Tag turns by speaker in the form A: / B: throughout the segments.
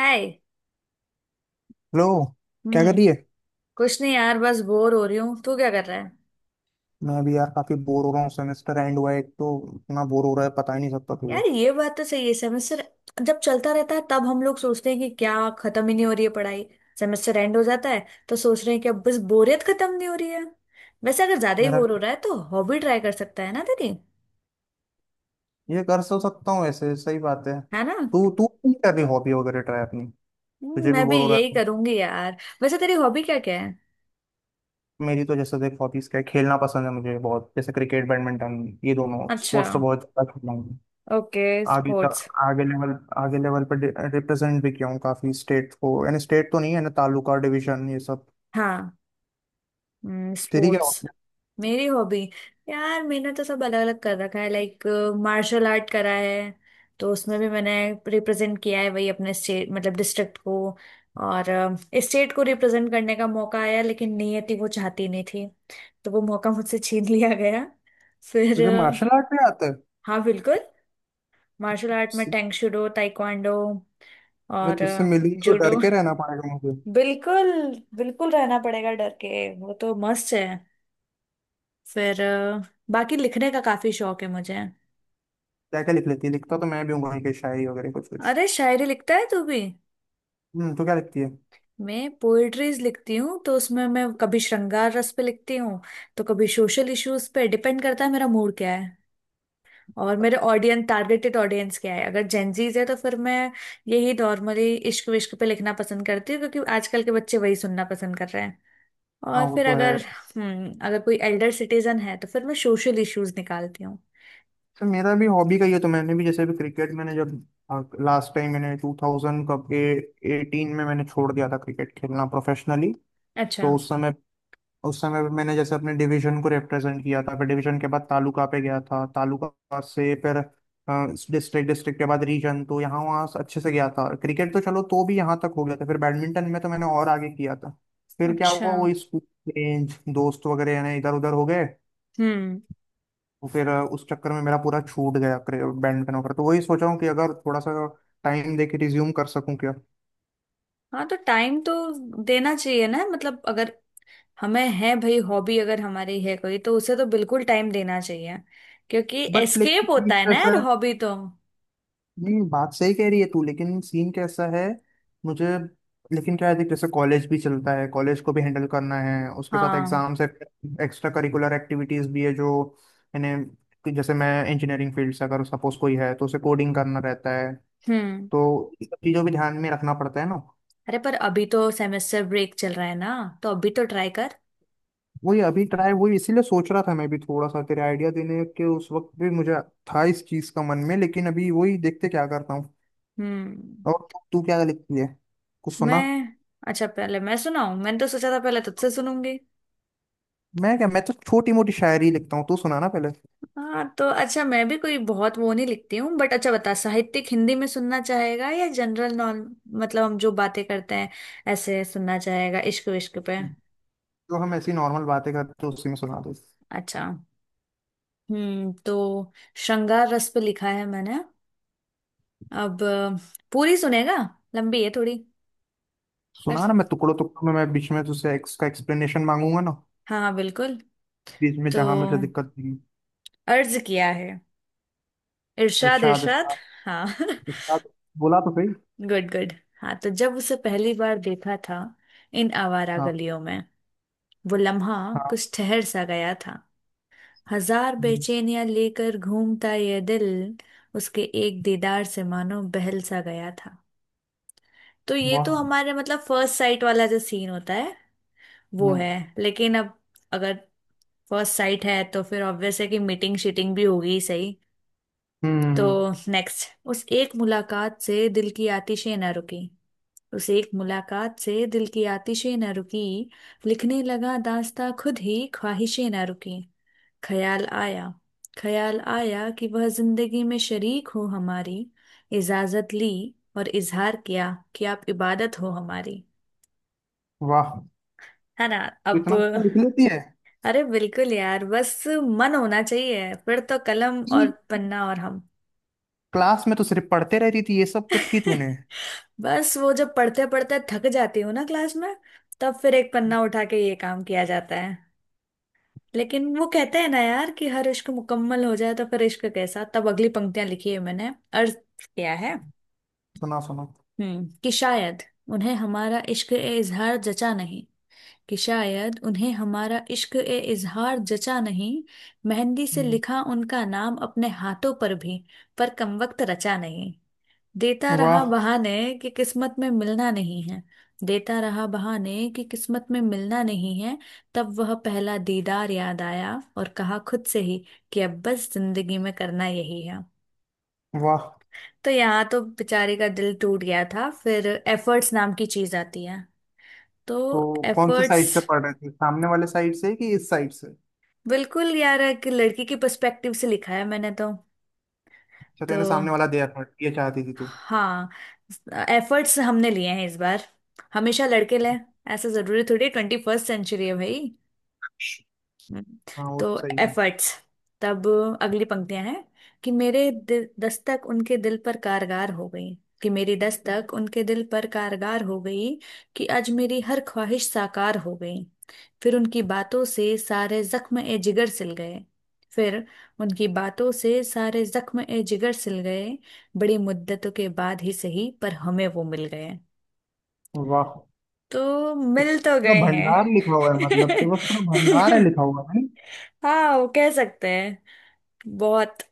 A: हाय।
B: Hello. क्या कर
A: हम्म।
B: रही है?
A: कुछ नहीं यार, बस बोर हो रही हूँ। तू क्या कर रहा है?
B: मैं अभी यार काफी बोर हो रहा हूँ। सेमेस्टर एंड हुआ है एक तो इतना बोर हो रहा है, पता ही नहीं सकता तुझे
A: यार ये बात तो सही है। सेमेस्टर जब चलता रहता है तब हम लोग सोचते हैं कि क्या खत्म ही नहीं हो रही है पढ़ाई। सेमेस्टर एंड हो जाता है तो सोच रहे हैं कि अब बस बोरियत खत्म नहीं हो रही है। वैसे अगर ज्यादा ही
B: मेरा।
A: बोर हो रहा है तो हॉबी ट्राई कर सकता है ना तेरी।
B: ये कर तो सकता हूँ ऐसे, सही बात है।
A: है ना?
B: तू तू नहीं कर रही हॉबी वगैरह ट्राई अपनी? तुझे भी
A: मैं भी
B: बोर हो रहा
A: यही
B: है?
A: करूंगी यार। वैसे तेरी हॉबी क्या क्या है?
B: मेरी तो जैसे देख हॉबीज क्या है, खेलना पसंद है मुझे बहुत, जैसे क्रिकेट बैडमिंटन, ये दोनों
A: अच्छा।
B: स्पोर्ट्स तो बहुत ज्यादा खेलता हूँ।
A: ओके,
B: आगे तक
A: स्पोर्ट्स।
B: आगे लेवल, आगे लेवल पर रिप्रेजेंट भी किया हूँ काफी। स्टेट को, यानी स्टेट तो नहीं है ना, तालुका डिवीजन ये सब।
A: हाँ।
B: तेरी क्या
A: स्पोर्ट्स।
B: हॉबी है?
A: मेरी हॉबी, यार मैंने तो सब अलग अलग कर रखा है। लाइक मार्शल आर्ट करा है, तो उसमें भी मैंने रिप्रेजेंट किया है वही अपने स्टेट मतलब डिस्ट्रिक्ट को, और स्टेट को रिप्रेजेंट करने का मौका आया लेकिन नियति वो चाहती नहीं थी, तो वो मौका मुझसे छीन लिया गया। फिर
B: तुझे मार्शल आर्ट भी आता
A: हाँ बिल्कुल। मार्शल आर्ट में
B: है?
A: टैंगशूडो ताइक्वांडो
B: मैं
A: और
B: तुझसे मिली तो डर
A: जूडो।
B: के रहना पड़ेगा मुझे।
A: बिल्कुल। बिल्कुल रहना पड़ेगा डर के, वो तो मस्त है। फिर बाकी लिखने का काफी शौक है मुझे।
B: क्या क्या लिख लेती है? लिखता तो मैं भी हूँ भाई, के शायरी वगैरह कुछ कुछ।
A: अरे शायरी लिखता है तू भी?
B: हम्म, तो क्या लिखती है?
A: मैं पोएट्रीज लिखती हूँ, तो उसमें मैं कभी श्रृंगार रस पे लिखती हूँ तो कभी सोशल इश्यूज पे। डिपेंड करता है मेरा मूड क्या है और मेरे ऑडियंस, टारगेटेड ऑडियंस क्या है। अगर जेंजीज है तो फिर मैं यही नॉर्मली इश्क विश्क पे लिखना पसंद करती हूँ, क्योंकि आजकल के बच्चे वही सुनना पसंद कर रहे हैं।
B: हाँ,
A: और
B: वो
A: फिर
B: तो है।
A: अगर अगर कोई एल्डर सिटीजन है तो फिर मैं सोशल इश्यूज निकालती हूँ।
B: तो मेरा भी हॉबी का ही है। तो मैंने भी जैसे भी क्रिकेट, मैंने जब लास्ट टाइम, मैंने टू थाउजेंड कब एटीन में मैंने छोड़ दिया था क्रिकेट खेलना प्रोफेशनली।
A: अच्छा।
B: तो उस समय पे मैंने जैसे अपने डिवीजन को रिप्रेजेंट किया था, फिर डिवीजन के बाद तालुका पे गया था, तालुका से फिर डिस्ट्रिक्ट। डिस्ट्रिक्ट के बाद रीजन, तो यहाँ वहाँ से अच्छे से गया था क्रिकेट। तो चलो, तो भी यहाँ तक हो गया था। फिर बैडमिंटन में तो मैंने और आगे किया था। फिर क्या
A: अच्छा।
B: हुआ, वो स्कूल रेंज दोस्त वगैरह यानी इधर उधर हो गए।
A: हम्म।
B: तो फिर उस चक्कर में मेरा पूरा छूट गया, बैडमिंटन वगैरह। तो वही सोचा हूँ कि अगर थोड़ा सा टाइम दे के रिज्यूम कर सकूँ क्या।
A: हाँ, तो टाइम तो देना चाहिए ना। मतलब अगर हमें है भाई, हॉबी अगर हमारी है कोई तो उसे तो बिल्कुल टाइम देना चाहिए, क्योंकि
B: बट
A: एस्केप
B: लेकिन
A: होता है ना यार हॉबी तो।
B: नहीं, बात सही कह रही है तू, लेकिन सीन कैसा है मुझे। लेकिन क्या है देख, जैसे कॉलेज भी चलता है, कॉलेज को भी हैंडल करना है, उसके साथ
A: हाँ।
B: एग्जाम्स है, एक्स्ट्रा करिकुलर एक्टिविटीज भी है जो, यानी कि जैसे मैं इंजीनियरिंग फील्ड से, अगर सपोज कोई है तो उसे कोडिंग करना रहता है।
A: हम्म।
B: तो ये सब चीज़ों भी ध्यान में रखना पड़ता है ना।
A: अरे पर अभी तो सेमेस्टर ब्रेक चल रहा है ना, तो अभी तो ट्राई कर।
B: वही अभी ट्राई, वही इसीलिए सोच रहा था मैं भी थोड़ा सा तेरे आइडिया देने के उस वक्त भी मुझे था इस चीज़ का मन में, लेकिन अभी वही, देखते क्या करता हूँ।
A: हम्म।
B: और तू क्या लिखती है, कुछ सुना।
A: मैं, अच्छा पहले मैं सुनाऊं? मैंने तो सोचा था पहले तुझसे सुनूंगी।
B: मैं क्या, मैं तो छोटी मोटी शायरी लिखता हूँ, तू सुना ना पहले।
A: हाँ तो अच्छा, मैं भी कोई बहुत वो नहीं लिखती हूँ बट अच्छा बता, साहित्यिक हिंदी में सुनना चाहेगा या जनरल नॉन मतलब हम जो बातें करते हैं ऐसे सुनना चाहेगा इश्क विश्क पे?
B: जो हम ऐसी नॉर्मल बातें करते हैं उसी में सुना दे।
A: अच्छा। हम्म, तो श्रृंगार रस पे लिखा है मैंने। अब पूरी सुनेगा? लंबी है थोड़ी। पर
B: सुना ना, मैं टुकड़ों टुकड़ों में, मैं बीच में तुझसे का एक्सप्लेनेशन मांगूंगा ना,
A: हाँ हाँ बिल्कुल।
B: बीच में
A: तो
B: जहां मुझे दिक्कत थी।
A: अर्ज किया है। इरशाद
B: इरशाद
A: इरशाद।
B: इरशाद
A: हाँ।
B: इरशाद। बोला तो सही।
A: Good good. हाँ, तो जब उसे पहली बार देखा था इन आवारा
B: हाँ
A: गलियों में, वो लम्हा
B: हाँ।
A: कुछ ठहर सा गया था। हजार
B: हम्म।
A: बेचैनियां लेकर घूमता ये दिल, उसके एक दीदार से मानो बहल सा गया था। तो ये तो
B: वाह।
A: हमारे मतलब फर्स्ट साइट वाला जो सीन होता है वो है।
B: हम्म।
A: लेकिन अब, अगर फर्स्ट साइट है तो फिर ऑब्वियस है कि मीटिंग शीटिंग भी होगी सही? तो
B: हम्म,
A: नेक्स्ट, उस एक मुलाकात से दिल की आतिशें न रुकी, उस एक मुलाकात से दिल की आतिशें न रुकी, लिखने लगा दास्तां खुद ही ख्वाहिशें न रुकी। ख्याल आया, ख्याल आया कि वह जिंदगी में शरीक हो हमारी, इजाजत ली और इजहार किया कि आप इबादत हो हमारी।
B: वाह।
A: है ना?
B: तू
A: अब,
B: इतना अच्छा लिख लेती है
A: अरे बिल्कुल यार, बस मन होना चाहिए फिर तो कलम और
B: कि
A: पन्ना और हम।
B: क्लास में तो सिर्फ पढ़ते रहती थी, ये सब कब की तूने?
A: बस वो जब पढ़ते पढ़ते थक जाती हूँ ना क्लास में, तब फिर एक पन्ना उठा के ये काम किया जाता है। लेकिन वो कहते हैं ना यार कि हर इश्क मुकम्मल हो जाए तो फिर इश्क कैसा। तब अगली पंक्तियां लिखी है मैंने। अर्थ क्या है?
B: सुना सुना।
A: कि शायद उन्हें हमारा इश्क ए इजहार जचा नहीं, कि शायद उन्हें हमारा इश्क ए इजहार जचा नहीं, मेहंदी से
B: हम्म,
A: लिखा उनका नाम अपने हाथों पर भी पर कमबख्त रचा नहीं। देता
B: वाह।
A: रहा बहाने कि किस्मत में मिलना नहीं है, देता रहा बहाने कि किस्मत में मिलना नहीं है। तब वह पहला दीदार याद आया और कहा खुद से ही कि अब बस जिंदगी में करना यही है।
B: वाह,
A: तो यहाँ तो बेचारे का दिल टूट गया था। फिर एफर्ट्स नाम की चीज आती है। तो
B: तो कौन सी
A: एफर्ट्स,
B: साइड से पढ़ रहे थे, सामने वाले साइड से कि इस साइड से?
A: बिल्कुल यार एक लड़की के पर्सपेक्टिव से लिखा है मैंने तो।
B: अच्छा,
A: तो
B: तूने सामने वाला दिया था, ये चाहती थी तू।
A: हाँ, एफर्ट्स हमने लिए हैं इस बार। हमेशा लड़के लें, ऐसा जरूरी थोड़ी। 21st सेंचुरी है भाई। हम्म,
B: हाँ, वो तो
A: तो
B: सही है।
A: एफर्ट्स, तब अगली पंक्तियां हैं। कि मेरे दिल दस्तक उनके दिल पर कारगर हो गई, कि मेरी दस्तक उनके दिल पर कारगर हो गई, कि आज मेरी हर ख्वाहिश साकार हो गई। फिर उनकी बातों से सारे जख्म ए जिगर सिल गए, फिर उनकी बातों से सारे जख्म ए जिगर सिल गए, बड़ी मुद्दतों के बाद ही सही पर हमें वो मिल गए।
B: वाह,
A: तो
B: तो
A: मिल तो
B: पूरा
A: गए हैं।
B: भंडार लिखा हुआ है मतलब, तो बस पूरा भंडार है लिखा हुआ है।
A: हाँ, वो कह सकते हैं। बहुत,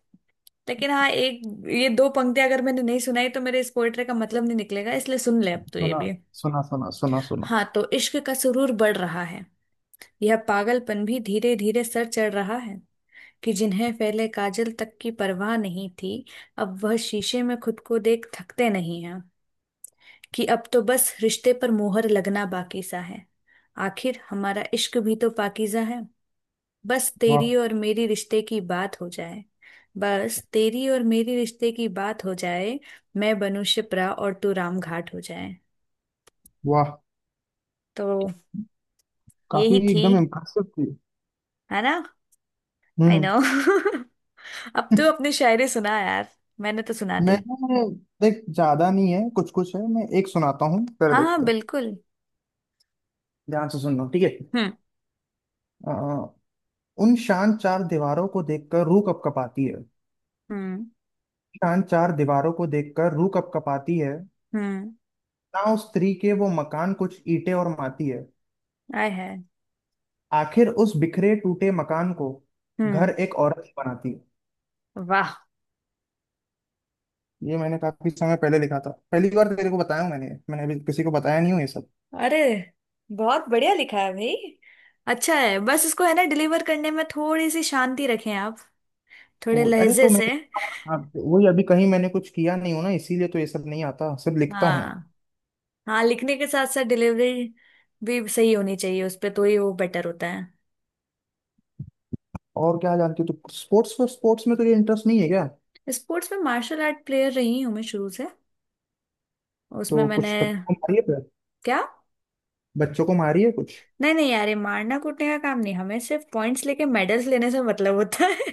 A: लेकिन हाँ एक, ये दो पंक्तियां अगर मैंने नहीं सुनाई तो मेरे इस पोएट्री का मतलब नहीं निकलेगा, इसलिए सुन ले अब तो ये
B: सुना
A: भी।
B: सुना सुना सुना सुना।
A: हाँ, तो इश्क का सुरूर बढ़ रहा है, यह पागलपन भी धीरे धीरे सर चढ़ रहा है। कि जिन्हें पहले काजल तक की परवाह नहीं थी अब वह शीशे में खुद को देख थकते नहीं। कि अब तो बस रिश्ते पर मोहर लगना बाकी सा है, आखिर हमारा इश्क भी तो पाकीज़ा है। बस
B: वाह।
A: तेरी और मेरी रिश्ते की बात हो जाए, बस तेरी और मेरी रिश्ते की बात हो जाए, मैं बनूं शिप्रा और तू रामघाट हो जाए।
B: वाह,
A: तो
B: काफी
A: यही थी।
B: एकदम इम्प्रेसिव थी।
A: है ना? आई
B: हम्म
A: नो अब तो अपनी शायरी सुना यार। मैंने तो सुना
B: मैं
A: दी।
B: देख, ज्यादा नहीं है, कुछ कुछ है। मैं एक सुनाता हूँ फिर
A: हाँ हाँ
B: देखते हैं।
A: बिल्कुल।
B: ध्यान से सुनना, ठीक है?
A: हम्म।
B: अ, उन शान चार दीवारों को देखकर रूह कपकपाती है।
A: हम्म।
B: शान चार दीवारों को देखकर रूह कपकपाती है।
A: हम्म।
B: ना उस स्त्री के वो मकान कुछ ईंटें और माटी है।
A: आई है।
B: आखिर उस बिखरे टूटे मकान को
A: हम्म।
B: घर एक औरत ही बनाती है।
A: वाह।
B: ये मैंने काफी समय पहले लिखा था, पहली बार तेरे को बताया हूँ। मैंने मैंने अभी किसी को बताया नहीं हूँ ये सब।
A: अरे बहुत बढ़िया लिखा है भाई। अच्छा है, बस इसको है ना डिलीवर करने में थोड़ी सी शांति रखें आप, थोड़े
B: वो अरे,
A: लहजे
B: तो मैं
A: से।
B: हाँ, वही अभी कहीं मैंने कुछ किया नहीं हूँ ना, इसीलिए तो ये सब नहीं आता, सिर्फ लिखता हूँ।
A: हाँ। हाँ, लिखने के साथ साथ डिलीवरी भी सही होनी चाहिए, उस पे तो ही वो बेटर होता है।
B: और क्या जानती हूँ तू, स्पोर्ट्स स्पोर्ट्स में तुझे इंटरेस्ट नहीं है क्या?
A: स्पोर्ट्स में मार्शल आर्ट प्लेयर रही हूँ मैं शुरू से। उसमें
B: तो
A: मैंने।
B: कुछ बच्चों को मारिए फिर,
A: क्या?
B: बच्चों को मारिए कुछ।
A: नहीं नहीं यार, ये मारना कूटने का काम नहीं। हमें सिर्फ पॉइंट्स लेके मेडल्स लेने से मतलब होता है।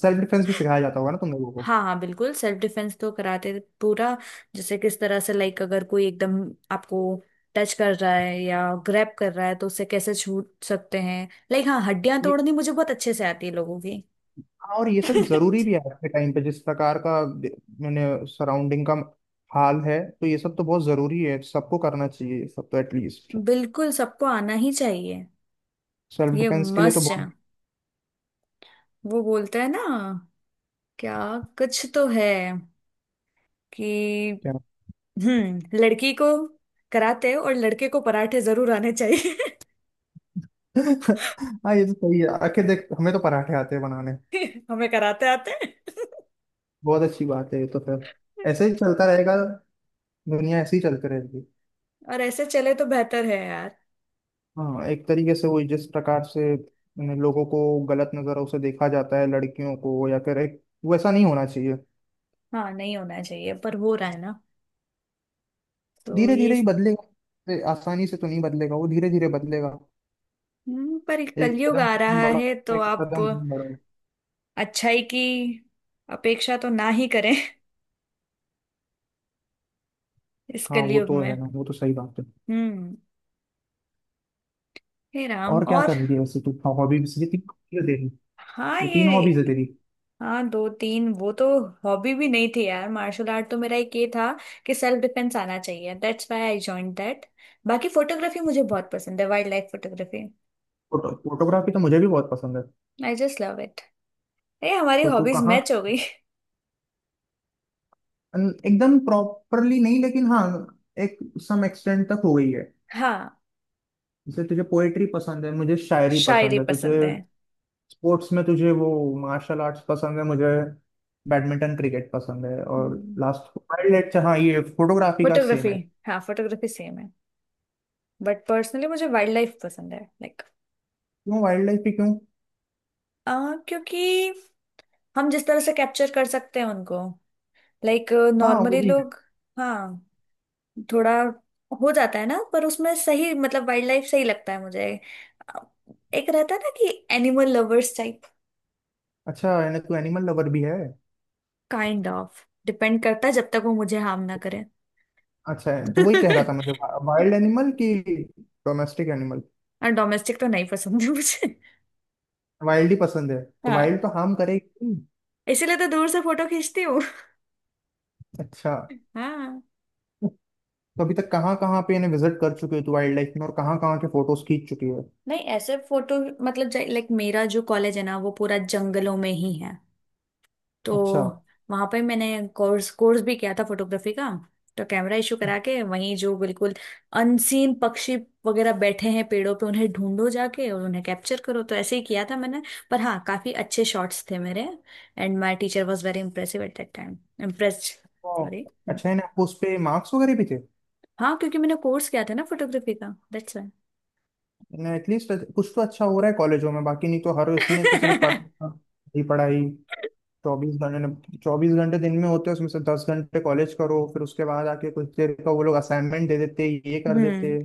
B: सेल्फ डिफेंस भी सिखाया जाता होगा ना तुम लोगों
A: हाँ हाँ बिल्कुल, सेल्फ डिफेंस तो कराते थे पूरा। जैसे किस तरह से, लाइक अगर कोई एकदम आपको टच कर रहा है या ग्रैब कर रहा है तो उससे कैसे छूट सकते हैं। लाइक हाँ, हड्डियां
B: को?
A: तोड़नी मुझे बहुत अच्छे से आती है लोगों की।
B: और ये सब जरूरी भी है आज के टाइम पे, जिस प्रकार का दे-, मैंने सराउंडिंग का हाल है, तो ये सब तो बहुत जरूरी है, सबको करना चाहिए ये सब तो एटलीस्ट,
A: बिल्कुल, सबको आना ही चाहिए।
B: सेल्फ
A: ये
B: डिफेंस के लिए तो
A: मस्ट है।
B: बहुत।
A: वो बोलता है ना? क्या? कुछ तो है कि
B: क्या?
A: लड़की को कराते और लड़के को पराठे जरूर आने चाहिए।
B: हाँ, ये तो सही है। आके देख हमें तो पराठे आते हैं बनाने।
A: हमें कराते आते हैं।
B: बहुत अच्छी बात है, ये तो फिर ऐसे ही चलता रहेगा, दुनिया ऐसे ही चलती रहेगी।
A: और ऐसे चले तो बेहतर है यार।
B: हाँ, एक तरीके से वही जिस प्रकार से उन्हें लोगों को गलत नजरों से देखा जाता है लड़कियों को, या फिर एक वैसा नहीं होना चाहिए।
A: हाँ नहीं होना चाहिए, पर हो रहा है ना। तो
B: धीरे
A: ये।
B: धीरे ही बदलेगा, आसानी से तो नहीं बदलेगा वो, धीरे धीरे बदलेगा।
A: पर
B: एक
A: कलयुग
B: कदम
A: आ
B: तुम
A: रहा
B: बढ़ो,
A: है तो
B: एक
A: आप
B: कदम हम बढ़ो।
A: अच्छाई की अपेक्षा तो ना ही करें इस
B: हाँ, वो
A: कलयुग
B: तो
A: में।
B: है ना, वो तो सही बात है।
A: हम्म। हे राम।
B: और क्या
A: और
B: कर रही है वैसे तू, हॉबीज ये तीन हॉबीज है तेरी,
A: हाँ
B: ये तीन हॉबीज
A: ये।
B: है तेरी।
A: हाँ, दो तीन वो तो हॉबी भी नहीं थी यार। मार्शल आर्ट तो मेरा एक ये था कि सेल्फ डिफेंस आना चाहिए। That's why I join that. बाकी फोटोग्राफी मुझे बहुत पसंद है, wildlife photography.
B: Photo photography तो मुझे भी बहुत पसंद है।
A: I just love it. ये हमारी
B: तो तू
A: हॉबीज
B: कहाँ,
A: मैच हो गई।
B: अन- एकदम प्रॉपरली नहीं लेकिन हाँ एक सम एक्सटेंट तक हो गई है।
A: हाँ।
B: जैसे तुझे पोएट्री पसंद है मुझे शायरी
A: शायरी
B: पसंद है तुझे,
A: पसंद है।
B: स्पोर्ट्स में तुझे वो मार्शल आर्ट्स पसंद है, मुझे बैडमिंटन क्रिकेट पसंद है, और लास्ट वाइल्ड लाइफ, हाँ ये फोटोग्राफी का सेम
A: फोटोग्राफी।
B: है।
A: हाँ, फोटोग्राफी सेम है बट पर्सनली मुझे वाइल्ड लाइफ पसंद है। लाइक
B: क्यों वाइल्ड लाइफ भी क्यों?
A: क्योंकि हम जिस तरह से कैप्चर कर सकते हैं उनको, लाइक
B: हाँ, वो
A: नॉर्मली
B: भी है।
A: लोग। हाँ, थोड़ा हो जाता है ना, पर उसमें सही मतलब वाइल्ड लाइफ सही लगता है मुझे। अ, एक रहता है ना कि एनिमल लवर्स टाइप।
B: अच्छा, यानी तू एनिमल लवर भी है।
A: काइंड ऑफ डिपेंड करता है जब तक वो मुझे हार्म ना करे।
B: अच्छा है, तो वही कह रहा था मुझे वाइल्ड एनिमल की। Domestic animal.
A: और डोमेस्टिक तो नहीं पसंद है मुझे।
B: वाइल्ड ही पसंद है? तो
A: हाँ।
B: वाइल्ड तो हार्म करेगी।
A: इसीलिए तो दूर से फोटो खींचती हूँ।
B: अच्छा।
A: हाँ
B: तो अभी तक कहाँ कहाँ पे इन्हें विजिट कर चुके हो तू वाइल्ड लाइफ में, और कहाँ कहाँ के फोटोज खींच चुकी है?
A: नहीं, ऐसे फोटो मतलब लाइक मेरा जो कॉलेज है ना वो पूरा जंगलों में ही है। तो
B: अच्छा।
A: वहां पर मैंने कोर्स कोर्स भी किया था फोटोग्राफी का। तो कैमरा इशू करा के, वहीं जो बिल्कुल अनसीन पक्षी वगैरह बैठे हैं पेड़ों पे उन्हें ढूंढो जाके और उन्हें कैप्चर करो, तो ऐसे ही किया था मैंने। पर हाँ, काफी अच्छे शॉट्स थे मेरे। And my teacher was very impressive at that time. Impressed
B: तो
A: सॉरी।
B: अच्छा इन्हें आपको उस पे मार्क्स वगैरह भी थे?
A: हाँ, क्योंकि मैंने कोर्स किया था ना फोटोग्राफी का, दैट्स वाई।
B: एटलीस्ट कुछ तो अच्छा हो रहा है कॉलेजों में, बाकी नहीं तो हर इसमें तो सिर्फ पढ़ाई ही पढ़ाई। चौबीस घंटे दिन में होते हैं, उसमें से 10 घंटे कॉलेज करो, फिर उसके बाद आके कुछ देर का वो लोग असाइनमेंट दे देते, ये कर देते।
A: हम्म।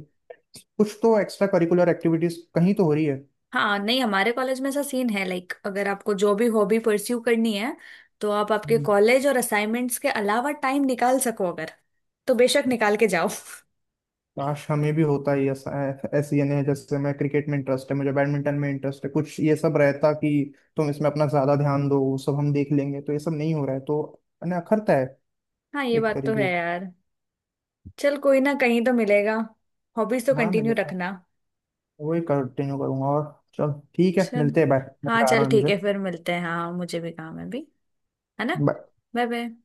B: कुछ तो एक्स्ट्रा करिकुलर एक्टिविटीज कहीं तो हो रही है।
A: हाँ नहीं हमारे कॉलेज में ऐसा सीन है, लाइक अगर आपको जो भी हॉबी परस्यू करनी है तो आप आपके
B: हम्म।
A: कॉलेज और असाइनमेंट्स के अलावा टाइम निकाल सको अगर, तो बेशक निकाल के जाओ।
B: काश हमें भी होता ही ऐसा, ऐसी, यानी जैसे मैं क्रिकेट में इंटरेस्ट है, मुझे बैडमिंटन में इंटरेस्ट है, कुछ ये सब रहता कि तुम इसमें अपना ज्यादा ध्यान दो, वो सब हम देख लेंगे। तो ये सब नहीं हो रहा है, तो मैंने अखरता है
A: हाँ ये
B: एक
A: बात तो
B: तरीके
A: है
B: से।
A: यार। चल कोई ना, कहीं तो मिलेगा। हॉबीज तो
B: हाँ
A: कंटिन्यू
B: मिले,
A: रखना।
B: वही कंटिन्यू करूंगा। और चल ठीक है,
A: चल
B: मिलते हैं, बाय। मैं
A: हाँ,
B: जा
A: चल
B: रहा हूँ,
A: ठीक
B: मुझे।
A: है फिर मिलते हैं। हाँ मुझे भी काम है अभी। है ना?
B: Bye.
A: Bye bye.